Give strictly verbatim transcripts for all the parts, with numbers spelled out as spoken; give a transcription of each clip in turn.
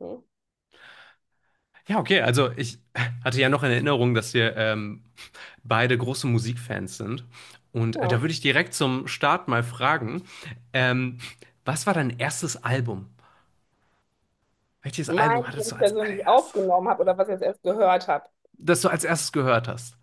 Hm, Ja, okay, also ich hatte ja noch in Erinnerung, dass wir ähm, beide große Musikfans sind. Und äh, da ja. würde ich direkt zum Start mal fragen, ähm, was war dein erstes Album? Welches Mein, Album was hattest du ich als persönlich allererstes, aufgenommen habe oder was ich jetzt erst gehört habe? das du als erstes gehört hast?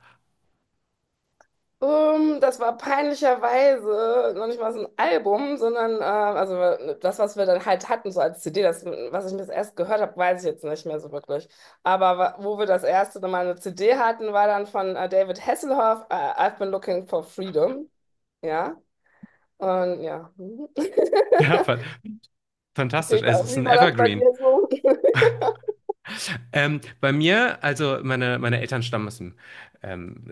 Ähm, das war peinlicherweise noch nicht mal so ein Album, sondern äh, also das, was wir dann halt hatten, so als C D. Das, was ich mir das erst gehört habe, weiß ich jetzt nicht mehr so wirklich. Aber wa- wo wir das erste Mal eine C D hatten, war dann von äh, David Hasselhoff, äh, I've been looking for freedom. Ja. Und ja. Ja, fa- Fantastisch. Wie war, Es ist wie ein war das bei Evergreen. dir so? Ähm, bei mir, also meine, meine Eltern stammen aus dem ähm,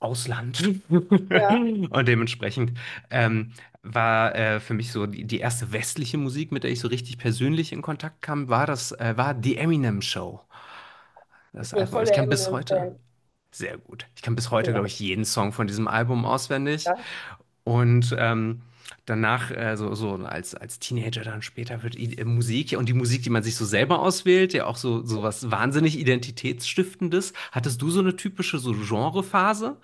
Ausland Ja, und dementsprechend ähm, war äh, für mich so die, die erste westliche Musik, mit der ich so richtig persönlich in Kontakt kam, war das äh, war die Eminem Show, ich das bin Album. voll Ich der kann bis heute Eminem-Fan. sehr gut. Ich kann bis heute, glaube Ja. ich, jeden Song von diesem Album auswendig. Und ähm, Danach, äh, so, so als, als Teenager dann später wird i- äh, Musik ja, und die Musik, die man sich so selber auswählt, ja auch so, so was wahnsinnig Identitätsstiftendes. Hattest du so eine typische so Genrephase?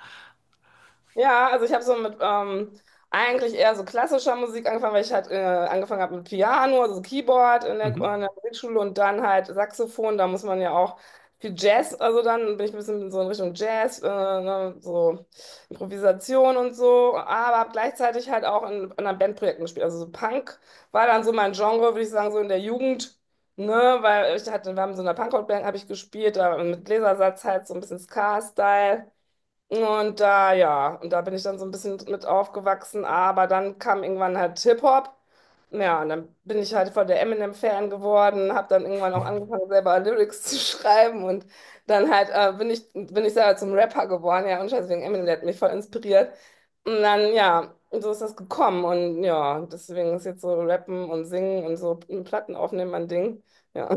Ja, also ich habe so mit ähm, eigentlich eher so klassischer Musik angefangen, weil ich halt äh, angefangen habe mit Piano, also so Keyboard in der, Mhm. in der Musikschule und dann halt Saxophon. Da muss man ja auch viel Jazz, also dann bin ich ein bisschen so in Richtung Jazz, äh, ne, so Improvisation und so, aber habe gleichzeitig halt auch in, in einer Bandprojekten gespielt. Also so Punk war dann so mein Genre, würde ich sagen, so in der Jugend. Ne, weil ich hatte, wir haben so in einer Punkrock-Band habe ich gespielt, da mit Gläsersatz halt so ein bisschen Ska-Style. Und da, ja, und da bin ich dann so ein bisschen mit aufgewachsen, aber dann kam irgendwann halt Hip-Hop. Ja, und dann bin ich halt voll der Eminem-Fan geworden, habe dann irgendwann auch angefangen, selber Lyrics zu schreiben und dann halt äh, bin ich, bin ich selber zum Rapper geworden, ja, und scheiße, wegen Eminem, der hat mich voll inspiriert. Und dann, ja, so ist das gekommen und ja, deswegen ist jetzt so Rappen und Singen und so Platten aufnehmen mein Ding, ja.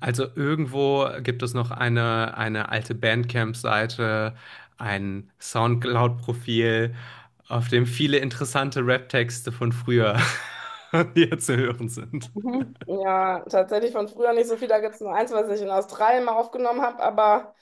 Also irgendwo gibt es noch eine, eine alte Bandcamp-Seite, ein Soundcloud-Profil, auf dem viele interessante Rap-Texte von früher hier zu hören sind. Mhm. Ja, tatsächlich von früher nicht so viel. Da gibt es nur eins, was ich in Australien mal aufgenommen habe, aber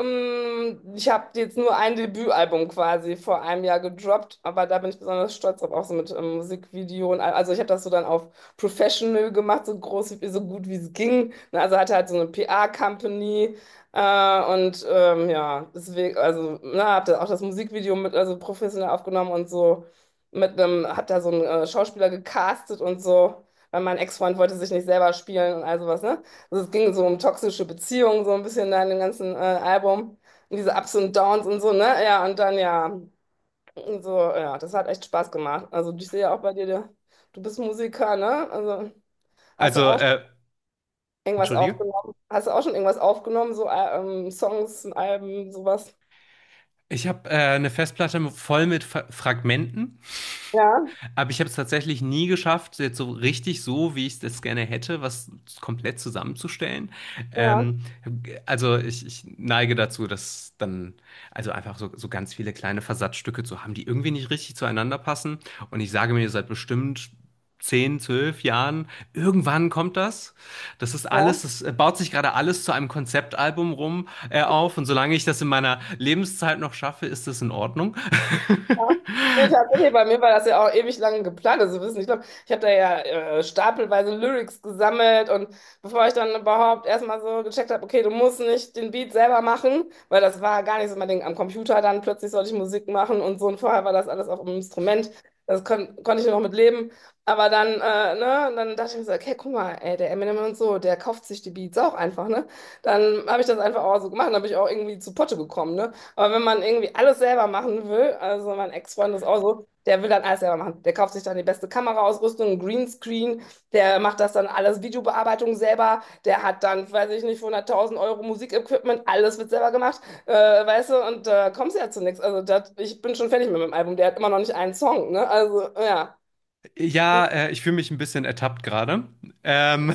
Ähm, ich habe jetzt nur ein Debütalbum quasi vor einem Jahr gedroppt, aber da bin ich besonders stolz drauf, auch so mit ähm, Musikvideo und all- also ich habe das so dann auf Professional gemacht, so groß, so gut wie es ging. Ne, also hatte halt so eine P R-Company äh, und ähm, ja, deswegen, also na, habe da auch das Musikvideo mit also professionell aufgenommen und so mit einem, hat da so einen äh, Schauspieler gecastet und so, weil mein Ex-Freund wollte sich nicht selber spielen und all sowas, ne? Also es ging so um toxische Beziehungen, so ein bisschen da in dem ganzen äh, Album. Und diese Ups und Downs und so, ne? Ja, und dann ja, so, ja, das hat echt Spaß gemacht. Also ich sehe ja auch bei dir, der- du bist Musiker, ne? Also hast du Also, auch schon äh, irgendwas Entschuldige? aufgenommen? Hast du auch schon irgendwas aufgenommen? So äh, ähm, Songs, Alben, sowas? Ich habe äh, eine Festplatte voll mit Fra Fragmenten, Ja, aber ich habe es tatsächlich nie geschafft, jetzt so richtig so, wie ich das gerne hätte, was komplett zusammenzustellen. ja, Ähm, also ich, ich neige dazu, dass dann, also einfach so, so ganz viele kleine Versatzstücke zu haben, die irgendwie nicht richtig zueinander passen. Und ich sage mir seit bestimmt zehn, zwölf Jahren, irgendwann kommt das. Das ist alles, ja. das baut sich gerade alles zu einem Konzeptalbum rum, äh, auf. Und solange ich das in meiner Lebenszeit noch schaffe, ist das in Ordnung. Ja. Nee, tatsächlich, bei mir war das ja auch ewig lange geplant. Also wissen, ich glaube, ich habe da ja äh, stapelweise Lyrics gesammelt und bevor ich dann überhaupt erstmal so gecheckt habe, okay, du musst nicht den Beat selber machen, weil das war gar nicht so mein Ding. Am Computer dann plötzlich sollte ich Musik machen und so und vorher war das alles auf dem Instrument. Das kon konnte ich noch mit leben. Aber dann, äh, ne, und dann dachte ich mir so, okay, guck mal, ey, der Eminem und so, der kauft sich die Beats auch einfach, ne? Dann habe ich das einfach auch so gemacht, dann bin ich auch irgendwie zu Potte gekommen, ne? Aber wenn man irgendwie alles selber machen will, also mein Ex-Freund ist auch so, der will dann alles selber machen. Der kauft sich dann die beste Kameraausrüstung, einen Greenscreen, der macht das dann alles, Videobearbeitung selber, der hat dann, weiß ich nicht, für hunderttausend Euro Musikequipment, alles wird selber gemacht, äh, weißt du, und da äh, kommst du ja zu nichts. Also das, ich bin schon fertig mit meinem Album, der hat immer noch nicht einen Song, ne? Also ja, Ja, äh, Ich fühle mich ein bisschen ertappt gerade. Ähm,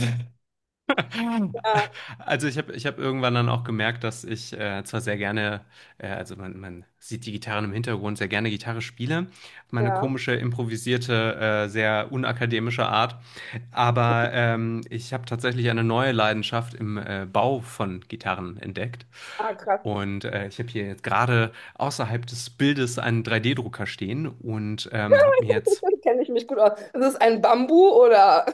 ja, also ich habe ich hab irgendwann dann auch gemerkt, dass ich äh, zwar sehr gerne, äh, also man, man sieht die Gitarren im Hintergrund, sehr gerne Gitarre spiele, meine ja. komische, improvisierte, äh, sehr unakademische Art, aber ähm, ich habe tatsächlich eine neue Leidenschaft im äh, Bau von Gitarren entdeckt. Ah, krass, Und äh, ich habe hier jetzt gerade außerhalb des Bildes einen drei D-Drucker stehen und ähm, habe mir jetzt kenne ich mich gut aus. Ist es ein Bambu oder?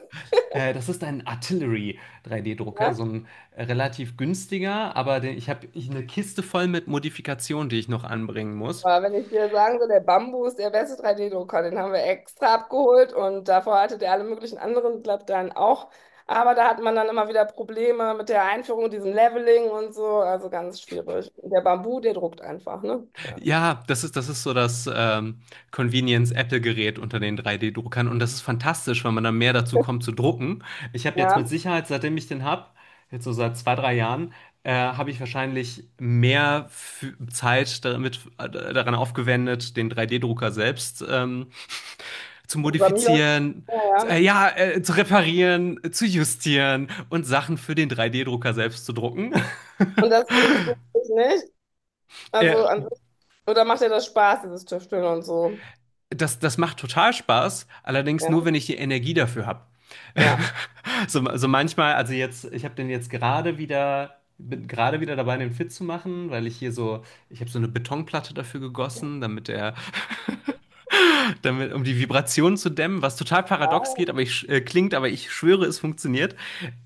Äh, das ist ein Artillery drei D-Drucker, so Ja? ein äh, relativ günstiger, aber den, ich habe eine Kiste voll mit Modifikationen, die ich noch anbringen muss. Aber wenn ich dir sagen soll, der Bambus, der beste drei D-Drucker, den haben wir extra abgeholt und davor hatte der alle möglichen anderen dann auch. Aber da hat man dann immer wieder Probleme mit der Einführung, diesem Leveling und so, also ganz schwierig. Und der Bambu, der druckt einfach, ne? Ja, Ja, das ist, das ist so das ähm, Convenience-Apple-Gerät unter den drei D-Druckern und das ist fantastisch, weil man dann mehr dazu kommt zu drucken. Ich habe jetzt ja, mit Sicherheit, seitdem ich den habe, jetzt so seit zwei, drei Jahren, äh, habe ich wahrscheinlich mehr fü- Zeit damit, äh, daran aufgewendet, den drei D-Drucker selbst ähm, zu Programmierer. modifizieren, Ja, zu, ja. äh, ja, äh, zu reparieren, äh, zu justieren und Sachen für den drei D-Drucker selbst zu drucken. Und das funktioniert nicht. äh, Also an sich, oder macht dir das Spaß, dieses Tüfteln und so? Das, das macht total Spaß, allerdings nur, Ja, wenn ich die Energie dafür habe. ja. So, so manchmal, also jetzt, ich habe den jetzt gerade wieder, bin gerade wieder dabei, den fit zu machen, weil ich hier so, ich habe so eine Betonplatte dafür gegossen, damit er damit, um die Vibration zu dämmen, was total paradox geht, Ah, aber ich, äh, klingt, aber ich schwöre, es funktioniert.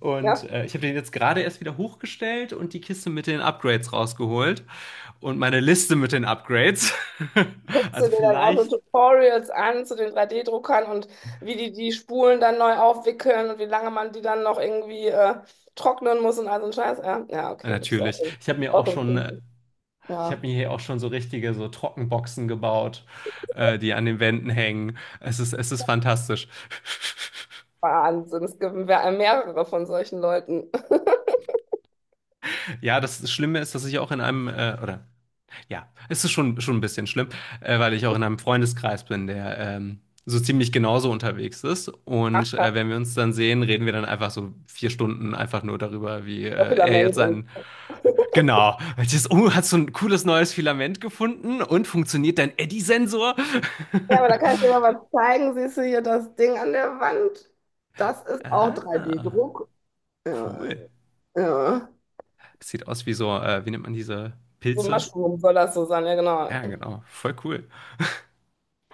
Und ja. Äh, ich habe den jetzt gerade erst wieder hochgestellt und die Kiste mit den Upgrades rausgeholt und meine Liste mit den Upgrades. Guckst du Also dir dann auch so vielleicht, Tutorials an zu den drei D-Druckern und wie die die Spulen dann neu aufwickeln und wie lange man die dann noch irgendwie äh, trocknen muss und all so ein Scheiß? Ja, ja, ja, okay, du bist auch natürlich. so, Ich habe mir auch auch so ein schon, äh, Freak. ich habe Ja, mir hier auch schon so richtige so Trockenboxen gebaut, äh, die an den Wänden hängen. Es ist, es ist fantastisch. Wahnsinn. Es gibt mehr- mehrere von solchen Leuten. Ja, das Schlimme ist, dass ich auch in einem, äh, oder ja, es ist schon, schon ein bisschen schlimm, äh, weil ich auch in einem Freundeskreis bin, der ähm, so ziemlich genauso unterwegs ist. Ach, Und krass, äh, Wenn wir uns dann sehen, reden wir dann einfach so vier Stunden einfach nur darüber, wie äh, voll er jetzt Filament und. sein. Genau. Jetzt, oh, hast du ein cooles neues Filament gefunden und funktioniert dein Eddy-Sensor? Ja, aber da kann ich dir mal was zeigen. Siehst du hier das Ding an der Wand? Das ist auch Ah, drei D-Druck. Ja, cool. ja. Sieht aus wie so, äh, wie nennt man diese So ein Pilze? Mushroom soll das so sein, ja, genau. Ja, genau. Voll cool.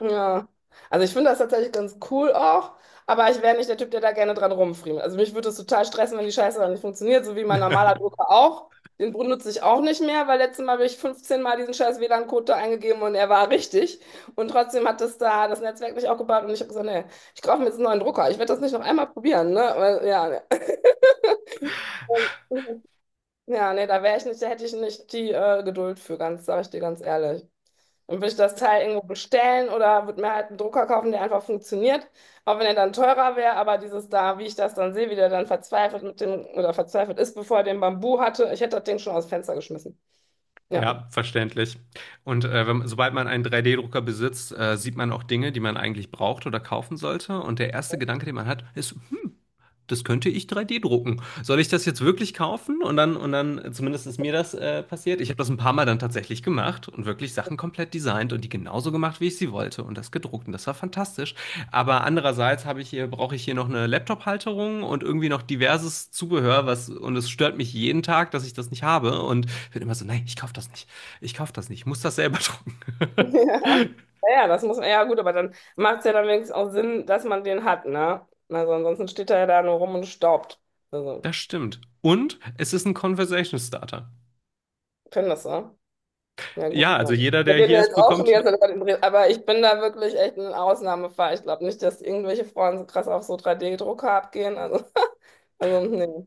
Ja, also ich finde das tatsächlich ganz cool auch, aber ich wäre nicht der Typ, der da gerne dran rumfriemelt. Also mich würde es total stressen, wenn die Scheiße dann nicht funktioniert, so wie mein normaler Drucker auch. Den benutze ich auch nicht mehr, weil letztes Mal habe ich fünfzehn Mal diesen scheiß W Lan-Code da eingegeben und er war richtig. Und trotzdem hat das da das Netzwerk nicht aufgebaut und ich habe gesagt, nee, ich kaufe mir jetzt einen neuen Drucker. Ich werde das nicht noch einmal probieren, ne? Weil, ja, ne. Ja, nee, da wäre ich nicht, da hätte ich nicht die äh, Geduld für, ganz, sage ich dir ganz ehrlich. Und würde ich das Teil irgendwo bestellen oder würde mir halt einen Drucker kaufen, der einfach funktioniert, auch wenn er dann teurer wäre, aber dieses da, wie ich das dann sehe, wie der dann verzweifelt mit dem oder verzweifelt ist, bevor er den Bambu hatte, ich hätte das Ding schon aus dem Fenster geschmissen. Ja. Ja, verständlich. Und äh, wenn, sobald man einen drei d drucker besitzt, äh, sieht man auch Dinge, die man eigentlich braucht oder kaufen sollte. Und der erste Gedanke, den man hat, ist, hm, das könnte ich drei D drucken. Soll ich das jetzt wirklich kaufen? Und dann, und dann, zumindest ist mir das äh, passiert. Ich habe das ein paar Mal dann tatsächlich gemacht und wirklich Sachen komplett designt und die genauso gemacht, wie ich sie wollte und das gedruckt. Und das war fantastisch. Aber andererseits habe ich hier, brauche ich hier noch eine Laptop-Halterung und irgendwie noch diverses Zubehör, was, und es stört mich jeden Tag, dass ich das nicht habe. Und bin immer so, nein, ich kaufe das nicht. Ich kaufe das nicht. Ich muss das selber drucken. Ja, ja, das muss man, ja gut, aber dann macht es ja dann wenigstens auch Sinn, dass man den hat, ne? Also ansonsten steht er ja da nur rum und staubt. Also, Das stimmt. Und es ist ein Conversation Starter. ich kenn das, ne? Ja, Ja, gut, also Mann. jeder, Wir der reden hier ja ist, jetzt auch schon die bekommt. ganze Zeit über den Dreh, aber ich bin da wirklich echt ein Ausnahmefall. Ich glaube nicht, dass irgendwelche Frauen so krass auf so drei D-Drucker abgehen. Also, also nee.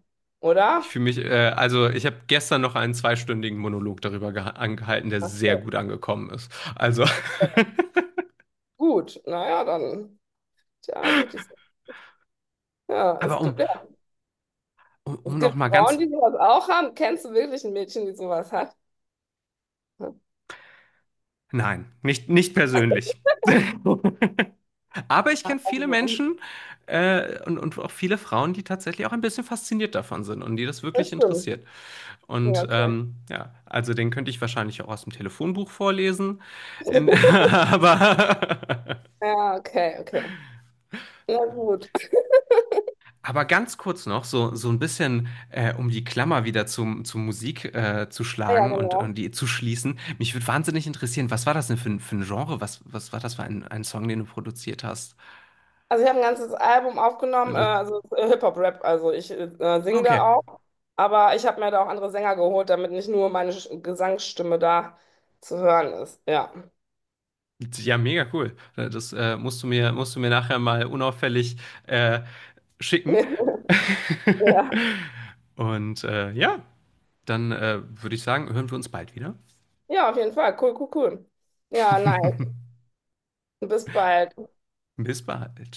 Ich Oder? fühle mich, äh, also ich habe gestern noch einen zweistündigen Monolog darüber geha- angehalten, der sehr Okay. gut angekommen ist. Also, Gut, naja, dann. Tja, gut. Ich, ja, aber es um, gibt, ja, um, es um noch gibt mal Frauen, ganz, die sowas auch haben. Kennst du wirklich ein Mädchen, die sowas hat? Ja, nein, nicht, nicht persönlich. Aber ich kenne viele also, Menschen äh, und, und auch viele Frauen, die tatsächlich auch ein bisschen fasziniert davon sind und die das wirklich das stimmt. interessiert. Ja, Und okay. Ähm, ja, also den könnte ich wahrscheinlich auch aus dem Telefonbuch vorlesen. In, aber Ja, okay, okay. Na gut. aber ganz kurz noch, so, so ein bisschen, äh, um die Klammer wieder zum, zur Musik äh, zu Ja, ja, schlagen und, und genau. die zu schließen. Mich würde wahnsinnig interessieren, was war das denn für ein, für ein Genre? Was, was war das für ein, ein Song, den du produziert hast? Also ich habe ein ganzes Album Und aufgenommen, äh, das- also äh, Hip-Hop-Rap, also ich äh, singe da okay. auch, aber ich habe mir da auch andere Sänger geholt, damit nicht nur meine Sch- Gesangsstimme da zu hören ist. Ja. Ja, mega cool. Äh, das äh, musst du mir, musst du mir nachher mal unauffällig äh, schicken. Ja. Und äh, ja, Dann äh, würde ich sagen, hören wir uns bald wieder. Ja, auf jeden Fall. Cool, cool, cool. Ja, nice. Bis bald. Bis bald.